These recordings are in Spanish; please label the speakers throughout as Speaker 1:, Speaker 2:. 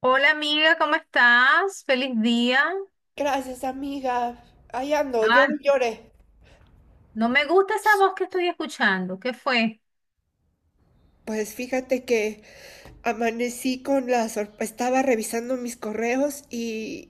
Speaker 1: Hola amiga, ¿cómo estás? Feliz día.
Speaker 2: Gracias, amiga. Ahí ando, llore,
Speaker 1: Ah,
Speaker 2: y llore.
Speaker 1: no me gusta esa voz que estoy escuchando. ¿Qué fue?
Speaker 2: Pues fíjate que amanecí con la sorpresa, estaba revisando mis correos y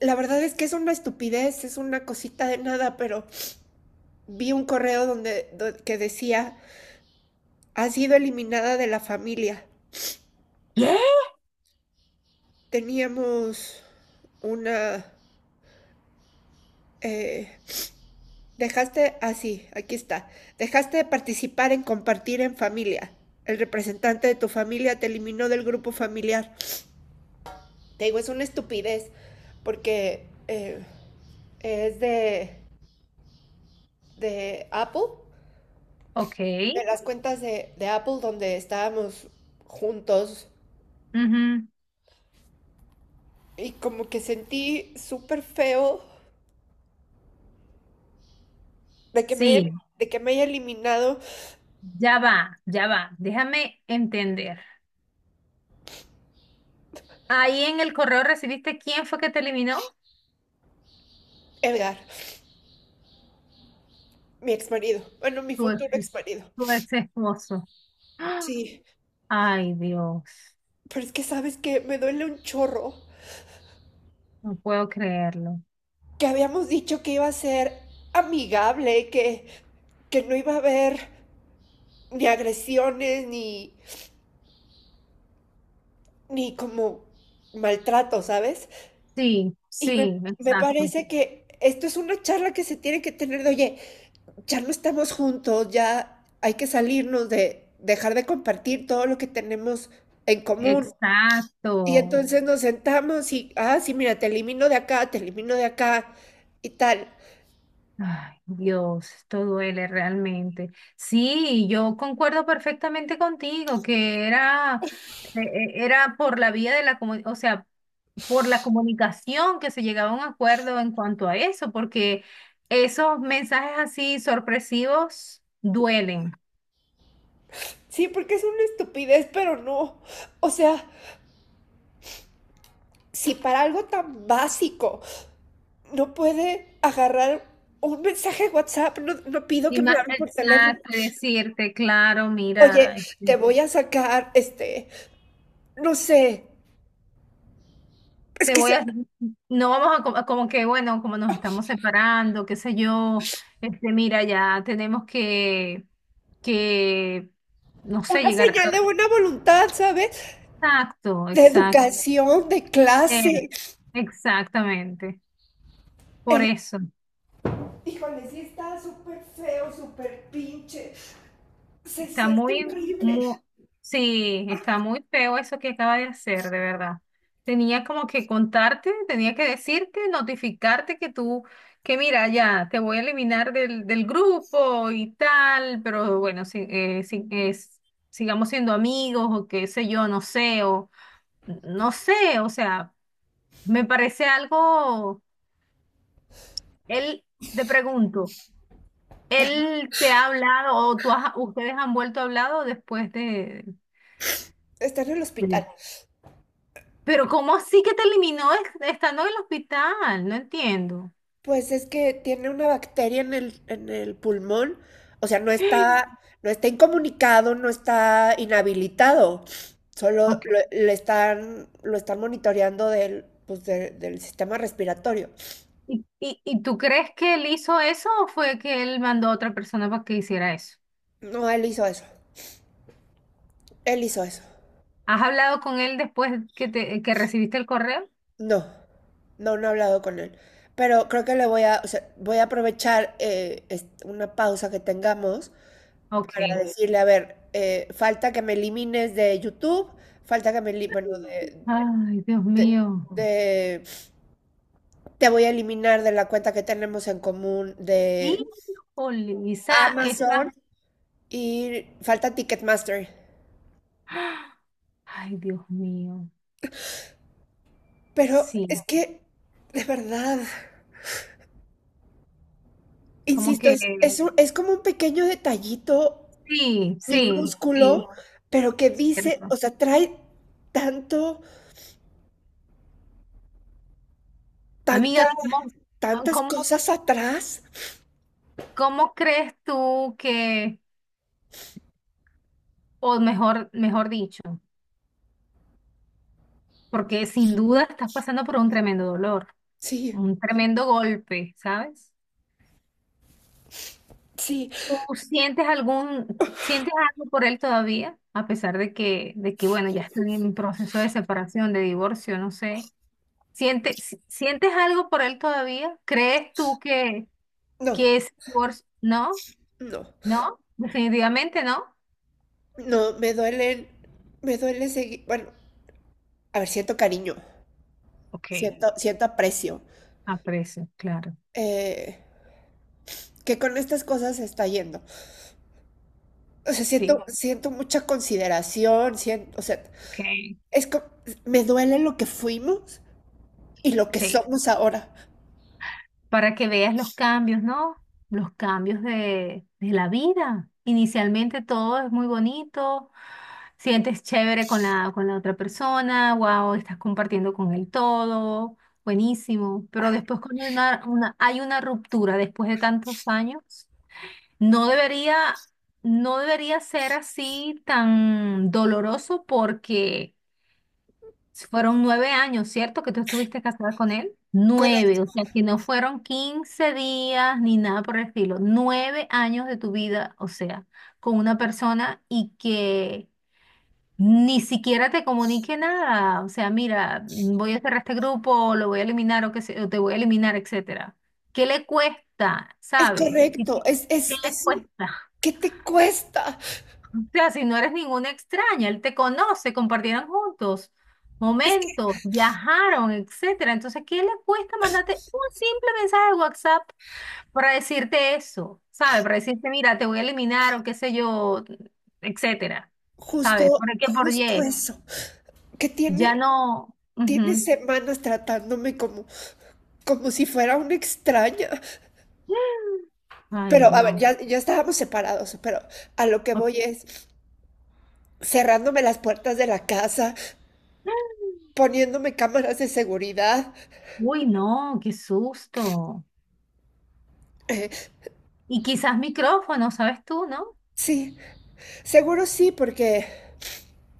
Speaker 2: la verdad es que es una estupidez, es una cosita de nada, pero vi un correo donde, que decía, ha sido eliminada de la familia.
Speaker 1: ¿Qué?
Speaker 2: Teníamos una. eh, Dejaste, así, aquí está. Dejaste de participar en compartir en familia. El representante de tu familia te eliminó del grupo familiar. Te digo, es una estupidez porque es de Apple,
Speaker 1: Ok.
Speaker 2: de las cuentas de Apple donde estábamos juntos
Speaker 1: Ujú.
Speaker 2: y como que sentí súper feo de que, me haya,
Speaker 1: Sí,
Speaker 2: de que me haya eliminado
Speaker 1: ya va, ya va. Déjame entender. Ahí en el correo, ¿recibiste quién fue que te eliminó?
Speaker 2: Edgar, mi ex marido, bueno, mi
Speaker 1: Tu ex,
Speaker 2: futuro ex marido.
Speaker 1: tu ex esposo. ¡Ah!
Speaker 2: Sí,
Speaker 1: Ay, Dios,
Speaker 2: pero es que sabes que me duele un chorro
Speaker 1: no puedo creerlo.
Speaker 2: que habíamos dicho que iba a ser amigable, que no iba a haber ni agresiones ni como maltrato, ¿sabes?
Speaker 1: Sí,
Speaker 2: Y me,
Speaker 1: sí,
Speaker 2: me
Speaker 1: exacto.
Speaker 2: parece que esto es una charla que se tiene que tener de, oye, ya no estamos juntos, ya hay que salirnos de dejar de compartir todo lo que tenemos en común. Y
Speaker 1: Exacto.
Speaker 2: entonces nos sentamos y, ah, sí, mira, te elimino de acá, te elimino de acá y tal.
Speaker 1: Ay, Dios, esto duele realmente. Sí, yo concuerdo perfectamente contigo que era por la vía de la comunicación, o sea, por la comunicación que se llegaba a un acuerdo en cuanto a eso, porque esos mensajes así sorpresivos duelen.
Speaker 2: Sí, porque es una estupidez, pero no. O sea, si para algo tan básico no puede agarrar un mensaje de WhatsApp, no, no pido
Speaker 1: Y
Speaker 2: que me
Speaker 1: más,
Speaker 2: hablen por teléfono.
Speaker 1: exacto, y decirte, claro,
Speaker 2: Oye,
Speaker 1: mira.
Speaker 2: te voy a sacar, este, no sé, es
Speaker 1: Te
Speaker 2: que
Speaker 1: voy
Speaker 2: se,
Speaker 1: a, no vamos a, como que, bueno, como nos estamos separando, qué sé yo, mira, ya tenemos que, no sé,
Speaker 2: una
Speaker 1: llegar a.
Speaker 2: señal de buena voluntad, ¿sabes?
Speaker 1: Exacto,
Speaker 2: De
Speaker 1: exacto,
Speaker 2: educación, de
Speaker 1: eh,
Speaker 2: clase.
Speaker 1: exactamente, por
Speaker 2: Eh,
Speaker 1: eso.
Speaker 2: Híjole, sí está súper feo, súper pinche. Se
Speaker 1: Está
Speaker 2: siente
Speaker 1: muy,
Speaker 2: horrible.
Speaker 1: muy, sí, está muy feo eso que acaba de hacer, de verdad. Tenía como que contarte, tenía que decirte, notificarte que tú, que mira, ya, te voy a eliminar del grupo y tal, pero bueno, sigamos siendo amigos o qué sé yo, no sé, o sea, me parece algo, él, te pregunto, ¿él te ha hablado o ustedes han vuelto a hablado después de.
Speaker 2: Está en el hospital.
Speaker 1: Sí. Pero ¿cómo así que te eliminó estando en el hospital? No entiendo.
Speaker 2: Pues es que tiene una bacteria en el pulmón, o sea, no está incomunicado, no está inhabilitado, solo
Speaker 1: Ok.
Speaker 2: lo están monitoreando del, pues, del sistema respiratorio.
Speaker 1: ¿Y tú crees que él hizo eso o fue que él mandó a otra persona para que hiciera eso?
Speaker 2: No, él hizo eso, él hizo eso.
Speaker 1: ¿Has hablado con él después que recibiste el correo?
Speaker 2: No, no, no he hablado con él, pero creo que le voy a, o sea, voy a aprovechar una pausa que tengamos para
Speaker 1: Ok.
Speaker 2: decirle, a ver, falta que me elimines de YouTube, falta bueno,
Speaker 1: Ay, Dios
Speaker 2: de,
Speaker 1: mío.
Speaker 2: de, te voy a eliminar de la cuenta que tenemos en común de
Speaker 1: Híjole, esa,
Speaker 2: Amazon
Speaker 1: esa.
Speaker 2: y falta Ticketmaster.
Speaker 1: ¡Ah! Ay, Dios mío.
Speaker 2: Pero es
Speaker 1: Sí,
Speaker 2: que, de verdad,
Speaker 1: como
Speaker 2: insisto,
Speaker 1: que
Speaker 2: es como un pequeño detallito
Speaker 1: sí, sí,
Speaker 2: minúsculo,
Speaker 1: sí.
Speaker 2: pero que dice,
Speaker 1: Cierto.
Speaker 2: o sea, trae tanto, tanta,
Speaker 1: Amiga,
Speaker 2: tantas
Speaker 1: cómo
Speaker 2: cosas atrás.
Speaker 1: ¿Cómo crees tú que, o mejor dicho, porque sin duda estás pasando por un tremendo dolor,
Speaker 2: Sí,
Speaker 1: un tremendo golpe, ¿sabes?
Speaker 2: sí,
Speaker 1: ¿Tú sientes sientes algo por él todavía? A pesar de que, bueno, ya están en proceso de separación, de divorcio, no sé. ¿Sientes, si- sientes algo por él todavía? ¿Crees tú que,
Speaker 2: no,
Speaker 1: que ese divorcio? No,
Speaker 2: no,
Speaker 1: no, definitivamente no.
Speaker 2: no, me duele seguir, bueno, a ver, siento cariño,
Speaker 1: Ok,
Speaker 2: siento aprecio,
Speaker 1: aprecio, claro.
Speaker 2: eh, que con estas cosas se está yendo. O sea,
Speaker 1: Sí,
Speaker 2: siento mucha consideración, siento, o sea,
Speaker 1: ok,
Speaker 2: es co- me duele lo que fuimos y lo que
Speaker 1: sí.
Speaker 2: somos ahora.
Speaker 1: Para que veas los cambios, ¿no? Los cambios de la vida. Inicialmente todo es muy bonito, sientes chévere con la otra persona, wow, estás compartiendo con él todo, buenísimo. Pero después cuando hay una ruptura después de tantos años, no debería, no debería ser así tan doloroso porque fueron 9 años, ¿cierto? Que tú estuviste casada con él. 9,
Speaker 2: Correcto,
Speaker 1: o sea, que no fueron 15 días ni nada por el estilo. 9 años de tu vida, o sea, con una persona y que ni siquiera te comunique nada. O sea, mira, voy a cerrar este grupo, lo voy a eliminar o te voy a eliminar, etcétera. ¿Qué le cuesta,
Speaker 2: es
Speaker 1: sabes?
Speaker 2: correcto,
Speaker 1: ¿Qué le cuesta?
Speaker 2: ¿qué te cuesta?
Speaker 1: Sea, si no eres ninguna extraña, él te conoce, compartieron juntos
Speaker 2: Es que
Speaker 1: momentos, viajaron, etcétera. Entonces, ¿qué le cuesta mandarte un simple mensaje de WhatsApp para decirte eso? ¿Sabes? Para decirte, mira, te voy a eliminar o qué sé yo, etcétera. ¿Sabes? ¿Por
Speaker 2: justo,
Speaker 1: qué? Por
Speaker 2: justo
Speaker 1: Y.
Speaker 2: eso, que
Speaker 1: Ya no.
Speaker 2: tiene
Speaker 1: Ujú.
Speaker 2: semanas tratándome como si fuera una extraña.
Speaker 1: Ay,
Speaker 2: Pero, a ver,
Speaker 1: no.
Speaker 2: ya estábamos separados, pero a lo que
Speaker 1: O-
Speaker 2: voy es cerrándome las puertas de la casa, poniéndome cámaras de seguridad.
Speaker 1: Uy, no, qué susto.
Speaker 2: Eh,
Speaker 1: Y quizás micrófono, ¿sabes tú, no?
Speaker 2: sí, seguro sí, porque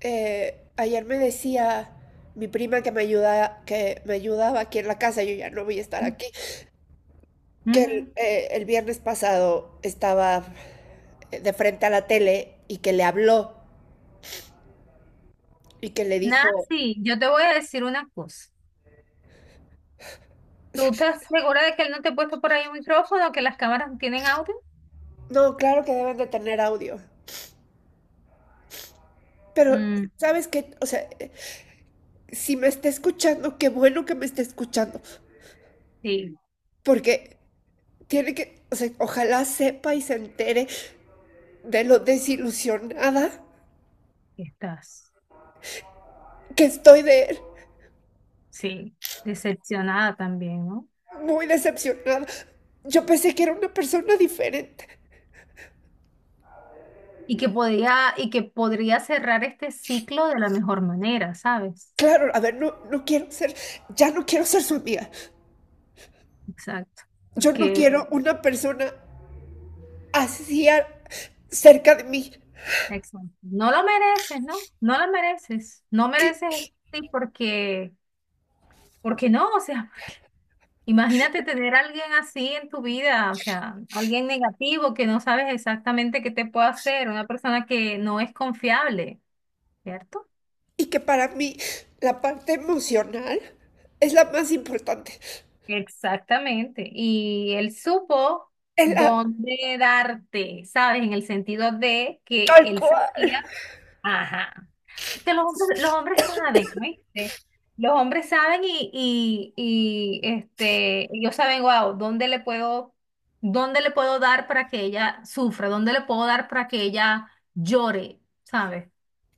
Speaker 2: ayer me decía mi prima que me ayudaba aquí en la casa, yo ya no voy a estar aquí, que
Speaker 1: Ujú.
Speaker 2: el viernes pasado estaba de frente a la tele y que le habló y que le dijo,
Speaker 1: Nancy, yo te voy a decir una cosa. ¿Tú estás segura de que él no te ha puesto por ahí un micrófono, que las cámaras no tienen audio?
Speaker 2: no, claro que deben de tener audio, pero
Speaker 1: Mm,
Speaker 2: sabes que, o sea, si me está escuchando, qué bueno que me esté escuchando,
Speaker 1: sí,
Speaker 2: porque o sea, ojalá sepa y se entere de lo desilusionada
Speaker 1: estás.
Speaker 2: que estoy de él.
Speaker 1: Sí, decepcionada también, ¿no?
Speaker 2: Muy decepcionada. Yo pensé que era una persona diferente.
Speaker 1: Y que podría cerrar este ciclo de la mejor manera, ¿sabes?
Speaker 2: Claro, a ver, no, ya no quiero ser su amiga.
Speaker 1: Exacto.
Speaker 2: Yo no
Speaker 1: Porque,
Speaker 2: quiero una persona así cerca de mí.
Speaker 1: exacto, no lo mereces, ¿no? No lo mereces. No
Speaker 2: Y,
Speaker 1: mereces eso, sí, porque no, o sea. Imagínate tener a alguien así en tu vida, o sea, alguien negativo que no sabes exactamente qué te puede hacer, una persona que no es confiable, ¿cierto?
Speaker 2: y que para mí la parte emocional es la más importante.
Speaker 1: Exactamente. Y él supo
Speaker 2: Es la
Speaker 1: dónde darte, ¿sabes? En el sentido de que
Speaker 2: tal
Speaker 1: él sabía,
Speaker 2: cual.
Speaker 1: ajá. Que los hombres saben, ¿viste? Los hombres saben y ellos saben, wow, ¿dónde le puedo dar para que ella sufra? ¿Dónde le puedo dar para que ella llore? ¿Sabes?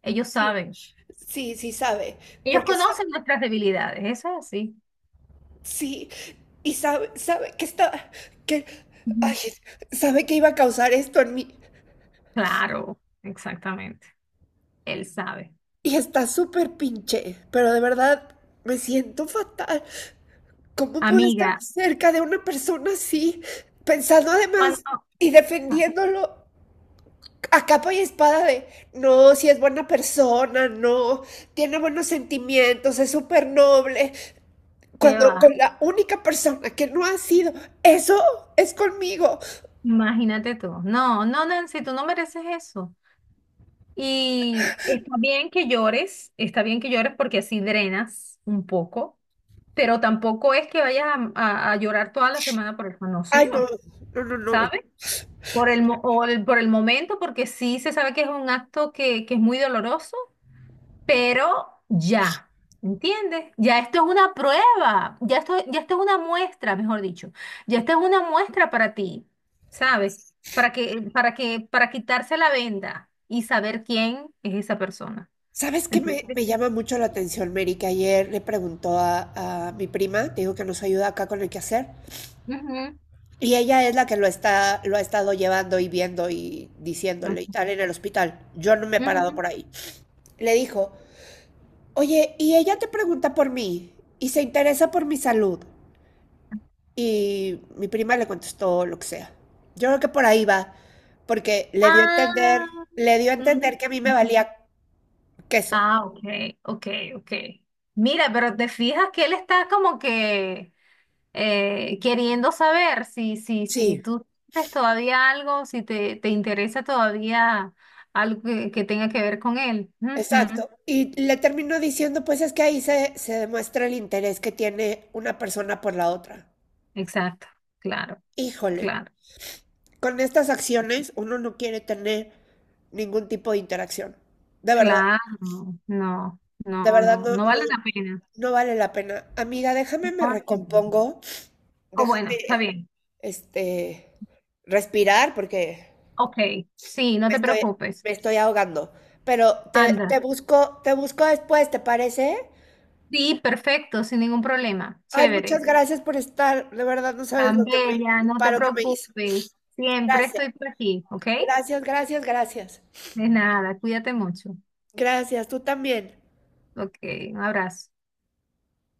Speaker 1: Ellos
Speaker 2: Sí,
Speaker 1: saben.
Speaker 2: sí, sí sabe.
Speaker 1: Ellos
Speaker 2: Porque sa-
Speaker 1: conocen nuestras debilidades, eso es así.
Speaker 2: Sí, y sabe que está, que, ay,
Speaker 1: Ujú.
Speaker 2: sabe que iba a causar esto en mí.
Speaker 1: Claro, exactamente. Él sabe.
Speaker 2: Y está súper pinche, pero de verdad me siento fatal. ¿Cómo pude estar
Speaker 1: Amiga,
Speaker 2: cerca de una persona así, pensando
Speaker 1: cuando.
Speaker 2: además y
Speaker 1: Ah,
Speaker 2: defendiéndolo a capa y espada de, no, si es buena persona, no, tiene buenos sentimientos, es súper noble,
Speaker 1: ¿qué
Speaker 2: cuando
Speaker 1: va?
Speaker 2: con la única persona que no ha sido, eso es conmigo.
Speaker 1: Imagínate tú. No, no, Nancy, tú no mereces eso. Y está bien que llores, está bien que llores porque así drenas un poco, pero tampoco es que vayas a, a llorar toda la semana por eso, no,
Speaker 2: Ay, no,
Speaker 1: señor,
Speaker 2: no, no, no.
Speaker 1: sabes. Por el, mo- o el- por el momento, porque sí se sabe que es un acto que es muy doloroso, pero ya, ¿entiendes? Ya esto es una prueba, ya esto es una muestra, mejor dicho, ya esto es una muestra para ti, ¿sabes? Para quitarse la venda y saber quién es esa persona.
Speaker 2: ¿Sabes qué
Speaker 1: Entonces,
Speaker 2: me llama mucho la atención, Mary? Que ayer le preguntó a mi prima, te digo que nos ayuda acá con el quehacer,
Speaker 1: ujú,
Speaker 2: y ella es la que lo ha estado llevando y viendo y diciéndole y
Speaker 1: ujú,
Speaker 2: tal en el hospital. Yo no me he parado
Speaker 1: ujú.
Speaker 2: por ahí. Le dijo, oye, y ella te pregunta por mí y se interesa por mi salud. Y mi prima le contestó lo que sea. Yo creo que por ahí va, porque
Speaker 1: Ah.
Speaker 2: le dio a
Speaker 1: Mm.
Speaker 2: entender que a mí me valía queso.
Speaker 1: Ah, ok, ok, ok. Mira, pero te fijas que él está como que queriendo saber si
Speaker 2: Sí,
Speaker 1: tú tienes todavía algo, si te interesa todavía algo que tenga que ver con él. Ujú.
Speaker 2: exacto. Y le terminó diciendo, pues es que ahí se demuestra el interés que tiene una persona por la otra.
Speaker 1: Exacto, claro,
Speaker 2: Híjole,
Speaker 1: claro,
Speaker 2: con estas acciones uno no quiere tener ningún tipo de interacción. De verdad,
Speaker 1: claro. No,
Speaker 2: de
Speaker 1: no,
Speaker 2: verdad
Speaker 1: no,
Speaker 2: no,
Speaker 1: no
Speaker 2: no,
Speaker 1: vale la pena.
Speaker 2: no vale la pena. Amiga, déjame
Speaker 1: No
Speaker 2: me
Speaker 1: vale la pena.
Speaker 2: recompongo,
Speaker 1: O bueno, está
Speaker 2: déjame,
Speaker 1: bien.
Speaker 2: este, respirar porque
Speaker 1: Ok, sí, no
Speaker 2: me
Speaker 1: te
Speaker 2: estoy,
Speaker 1: preocupes.
Speaker 2: me estoy ahogando. Pero
Speaker 1: Anda.
Speaker 2: te busco después, ¿te parece?
Speaker 1: Sí, perfecto, sin ningún problema.
Speaker 2: Ay, muchas
Speaker 1: Chévere.
Speaker 2: gracias por estar. De verdad, no sabes
Speaker 1: Tan bella,
Speaker 2: el
Speaker 1: no te
Speaker 2: paro que me hizo.
Speaker 1: preocupes. Siempre
Speaker 2: Gracias,
Speaker 1: estoy por aquí, ¿ok?
Speaker 2: gracias, gracias, gracias.
Speaker 1: De nada, cuídate mucho.
Speaker 2: Gracias, tú también.
Speaker 1: Ok, un abrazo.